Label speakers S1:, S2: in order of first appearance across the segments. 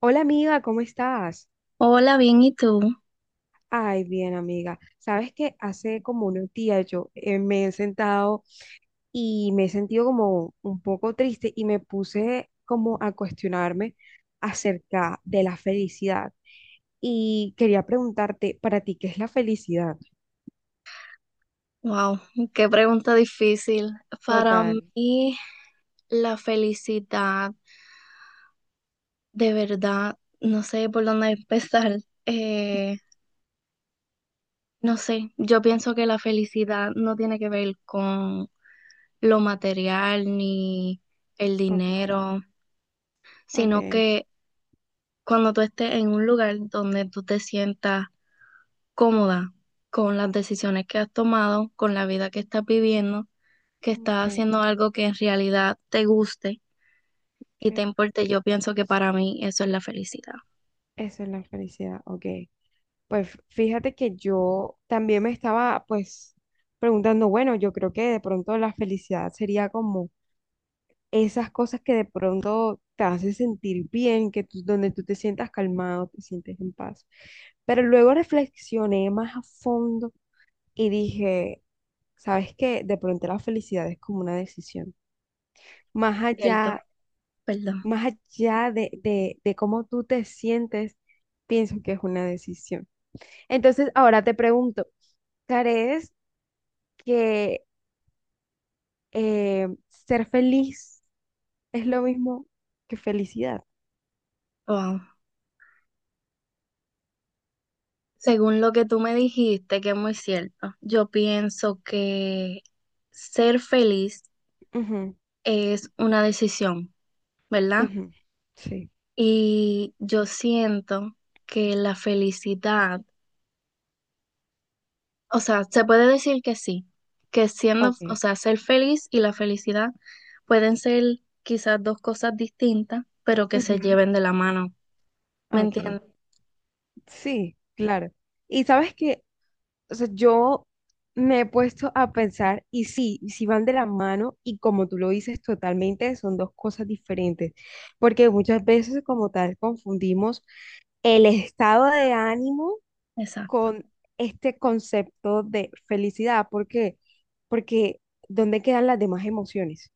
S1: Hola amiga, ¿cómo estás?
S2: Hola, bien, ¿y tú?
S1: Ay, bien amiga. Sabes que hace como unos días yo me he sentado y me he sentido como un poco triste y me puse como a cuestionarme acerca de la felicidad. Y quería preguntarte, para ti, ¿qué es la felicidad?
S2: Wow, qué pregunta difícil. Para
S1: Total.
S2: mí, la felicidad, de verdad, no sé por dónde empezar. Eh, no sé, yo pienso que la felicidad no tiene que ver con lo material ni el
S1: Ok,
S2: dinero, sino
S1: ok,
S2: que cuando tú estés en un lugar donde tú te sientas cómoda con las decisiones que has tomado, con la vida que estás viviendo, que
S1: ok,
S2: estás haciendo algo que en realidad te guste y te
S1: ¿qué?
S2: importe. Yo pienso que para mí eso es la felicidad.
S1: Eso es la felicidad, ok. Pues fíjate que yo también me estaba, pues, preguntando, bueno, yo creo que de pronto la felicidad sería como esas cosas que de pronto te hacen sentir bien, que donde tú te sientas calmado, te sientes en paz. Pero luego reflexioné más a fondo y dije, ¿sabes qué? De pronto la felicidad es como una decisión. Más
S2: Cierto,
S1: allá,
S2: perdón.
S1: más allá de cómo tú te sientes, pienso que es una decisión. Entonces, ahora te pregunto, ¿crees que ser feliz es lo mismo que felicidad?
S2: Wow. Según lo que tú me dijiste, que es muy cierto, yo pienso que ser feliz
S1: Ujú,
S2: es una decisión, ¿verdad?
S1: ujú, sí,
S2: Y yo siento que la felicidad, o sea, se puede decir que sí, que siendo, o
S1: ok.
S2: sea, ser feliz y la felicidad pueden ser quizás dos cosas distintas, pero que se
S1: Ujú,
S2: lleven de la mano, ¿me
S1: ok,
S2: entiendes?
S1: sí, claro. Y sabes que, o sea, yo me he puesto a pensar, y sí van de la mano, y como tú lo dices totalmente, son dos cosas diferentes, porque muchas veces como tal confundimos el estado de ánimo
S2: Exacto.
S1: con este concepto de felicidad. ¿Por qué? Porque ¿dónde quedan las demás emociones?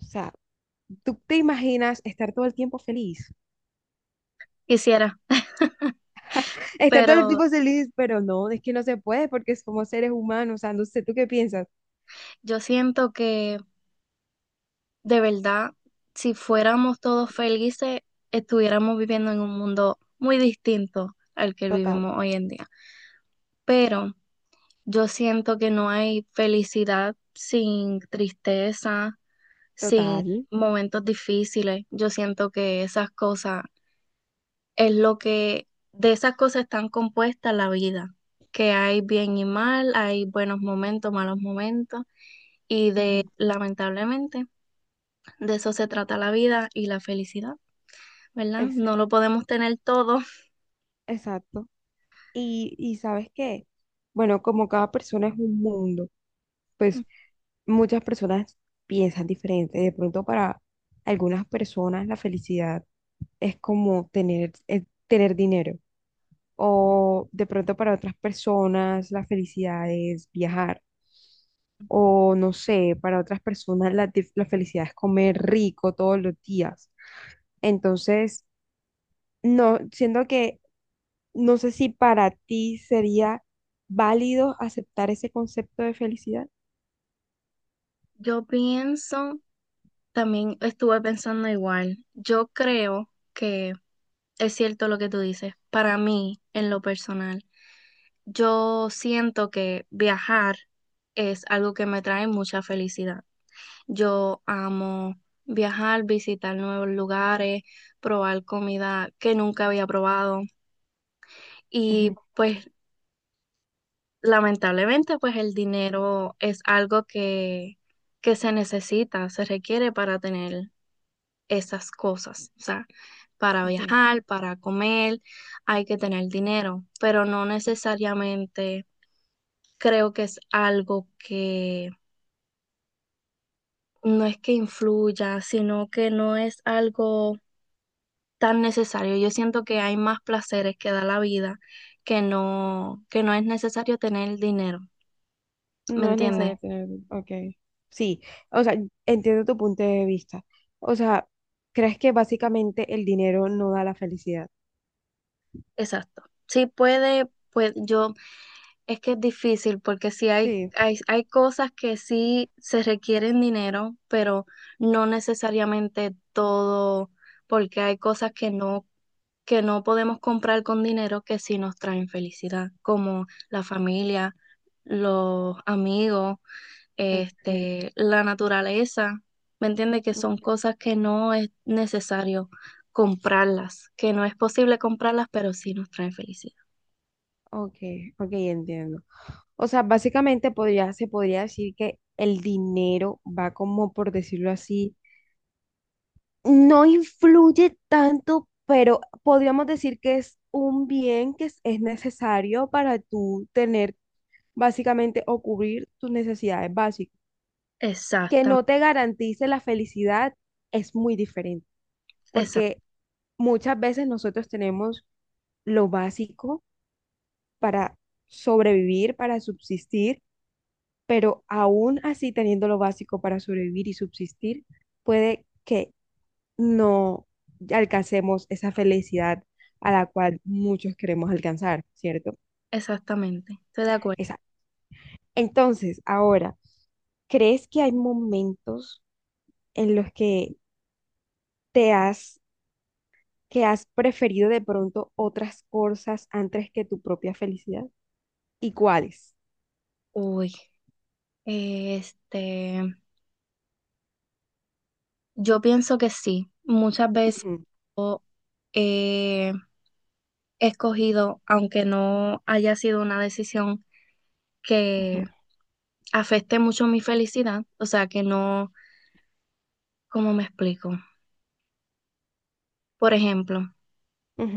S1: O sea, tú te imaginas estar todo el tiempo feliz,
S2: Quisiera,
S1: estar todo el
S2: pero
S1: tiempo feliz, pero no, es que no se puede porque somos seres humanos, o sea, no sé, ¿tú qué piensas?
S2: yo siento que de verdad, si fuéramos todos felices, estuviéramos viviendo en un mundo muy distinto al que
S1: Total,
S2: vivimos hoy en día. Pero yo siento que no hay felicidad sin tristeza, sin
S1: total.
S2: momentos difíciles. Yo siento que esas cosas es lo que, de esas cosas están compuestas la vida, que hay bien y mal, hay buenos momentos, malos momentos, y de,
S1: Ujú,
S2: lamentablemente, de eso se trata la vida y la felicidad, ¿verdad?
S1: ex-
S2: No lo podemos tener todo.
S1: exacto. Y ¿sabes qué? Bueno, como cada persona es un mundo, pues muchas personas piensan diferente. De pronto para algunas personas la felicidad es como tener, tener dinero. O de pronto para otras personas la felicidad es viajar. O no sé, para otras personas la felicidad es comer rico todos los días. Entonces, no, siento que no sé si para ti sería válido aceptar ese concepto de felicidad.
S2: Yo pienso también estuve pensando igual. Yo creo que es cierto lo que tú dices. Para mí, en lo personal, yo siento que viajar es algo que me trae mucha felicidad. Yo amo viajar, visitar nuevos lugares, probar comida que nunca había probado. Y
S1: Ujú,
S2: pues lamentablemente, pues el dinero es algo que se necesita, se requiere para tener esas cosas. O sea, para
S1: ok, ok.
S2: viajar, para comer, hay que tener dinero, pero no necesariamente creo que es algo que no es que influya, sino que no es algo tan necesario. Yo siento que hay más placeres que da la vida que no es necesario tener dinero, ¿me
S1: No es
S2: entiendes?
S1: necesario tener, ok. Sí, o sea, entiendo tu punto de vista. O sea, ¿crees que básicamente el dinero no da la felicidad?
S2: Exacto. Sí puede, pues yo es que es difícil porque sí hay,
S1: Sí,
S2: hay, hay cosas que sí se requieren dinero, pero no necesariamente todo, porque hay cosas que no podemos comprar con dinero que sí nos traen felicidad, como la familia, los amigos,
S1: ok.
S2: este, la naturaleza. ¿Me entiende? Que son cosas que no es necesario comprarlas, que no es posible comprarlas, pero sí nos traen felicidad.
S1: Ok, ok, entiendo. O sea, básicamente podría, se podría decir que el dinero va como, por decirlo así, no influye tanto, pero podríamos decir que es un bien que es necesario para tú tener básicamente o cubrir tus necesidades básicas. Que
S2: Exactamente.
S1: no te garantice la felicidad es muy diferente, porque muchas veces nosotros tenemos lo básico para sobrevivir, para subsistir, pero aún así teniendo lo básico para sobrevivir y subsistir, puede que no alcancemos esa felicidad a la cual muchos queremos alcanzar, ¿cierto?
S2: Exactamente, estoy de acuerdo.
S1: Esa. Entonces, ahora, ¿crees que hay momentos en los que te has que has preferido de pronto otras cosas antes que tu propia felicidad? ¿Y cuáles?
S2: Uy, este, yo pienso que sí. Muchas veces
S1: Ujú,
S2: yo he escogido, aunque no haya sido una decisión
S1: ujú,
S2: que afecte mucho mi felicidad, o sea, que no, ¿cómo me explico? Por ejemplo,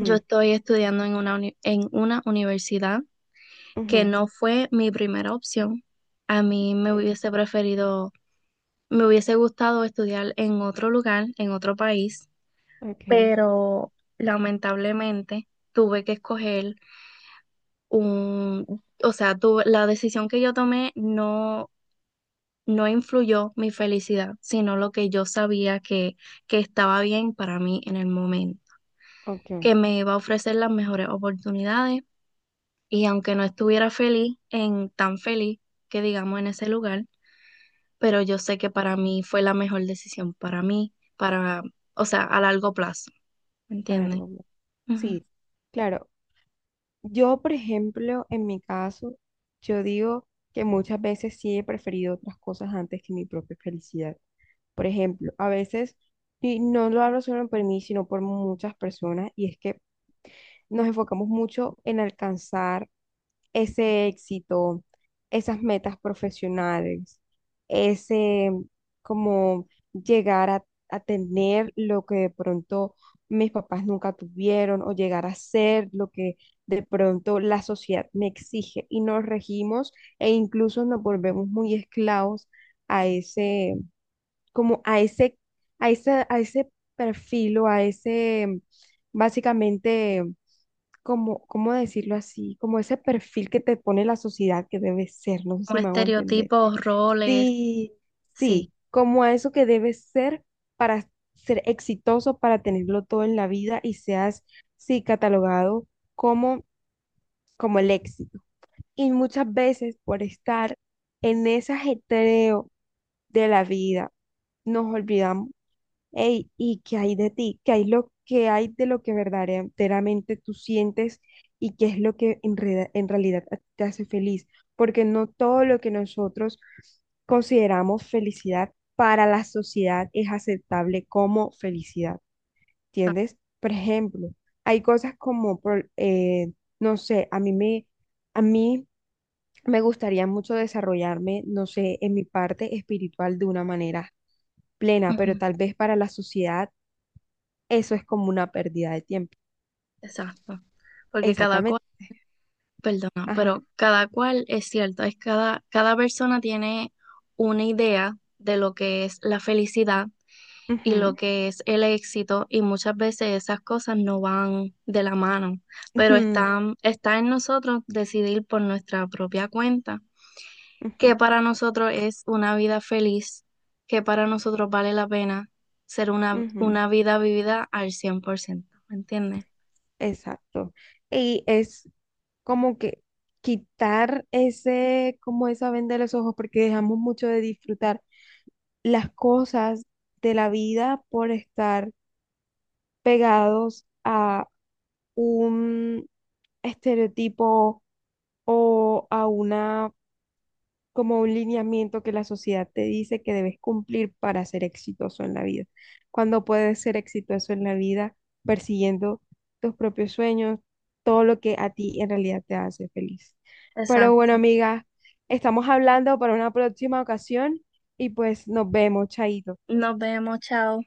S2: yo estoy estudiando en en una universidad que
S1: ujú.
S2: no fue mi primera opción. A mí me
S1: Ok,
S2: hubiese preferido me hubiese gustado estudiar en otro lugar, en otro país,
S1: ok,
S2: pero lamentablemente tuve que escoger un, o sea, tuve, la decisión que yo tomé no, no influyó mi felicidad, sino lo que yo sabía que estaba bien para mí en el momento,
S1: ok,
S2: que me iba a ofrecer las mejores oportunidades y aunque no estuviera feliz, en tan feliz que digamos en ese lugar, pero yo sé que para mí fue la mejor decisión, para mí, para, o sea, a largo plazo, ¿me
S1: a
S2: entiendes?
S1: largo plazo.
S2: Ujú.
S1: Sí, claro. Yo, por ejemplo, en mi caso, yo digo que muchas veces sí he preferido otras cosas antes que mi propia felicidad. Por ejemplo, a veces, y no lo hablo solo por mí, sino por muchas personas, y es que nos enfocamos mucho en alcanzar ese éxito, esas metas profesionales, ese como llegar a tener lo que de pronto mis papás nunca tuvieron o llegar a ser lo que de pronto la sociedad me exige y nos regimos e incluso nos volvemos muy esclavos a ese, como a ese, a ese perfil o a ese, básicamente como, ¿cómo decirlo así? Como ese perfil que te pone la sociedad que debes ser, no sé
S2: Como
S1: si me hago entender.
S2: estereotipos, roles,
S1: Sí,
S2: sí,
S1: sí, como a eso que debes ser para ser exitoso, para tenerlo todo en la vida y seas, sí, catalogado como, como el éxito. Y muchas veces por estar en ese ajetreo de la vida, nos olvidamos. Ey, ¿y qué hay de ti? ¿Qué hay lo que hay de lo que verdaderamente tú sientes y qué es lo que en realidad a ti te hace feliz? Porque no todo lo que nosotros consideramos felicidad para la sociedad es aceptable como felicidad,
S2: ah,
S1: ¿entiendes? Por ejemplo, hay cosas como, no sé, a mí me gustaría mucho desarrollarme, no sé, en mi parte espiritual de una manera plena,
S2: ujú,
S1: pero tal vez para la sociedad eso es como una pérdida de tiempo.
S2: exacto. Porque cada cual,
S1: Exactamente.
S2: perdona,
S1: Ajá.
S2: pero cada cual es cierto, es cada, cada persona tiene una idea de lo que es la felicidad y lo
S1: Ujú,
S2: que es el éxito, y muchas veces esas cosas no van de la mano, pero
S1: ujú,
S2: están, está en nosotros decidir por nuestra propia cuenta que
S1: ujú,
S2: para nosotros es una vida feliz, que para nosotros vale la pena ser
S1: ujú.
S2: una vida vivida al 100%, ¿me entiendes?
S1: Exacto. Y es como que quitar ese, como esa venda de los ojos, porque dejamos mucho de disfrutar las cosas de la vida por estar pegados a un estereotipo o a una, como un lineamiento que la sociedad te dice que debes cumplir para ser exitoso en la vida. Cuando puedes ser exitoso en la vida persiguiendo tus propios sueños, todo lo que a ti en realidad te hace feliz. Pero bueno,
S2: Exacto.
S1: amiga, estamos hablando para una próxima ocasión y pues nos vemos, chaito.
S2: Nos vemos, chao.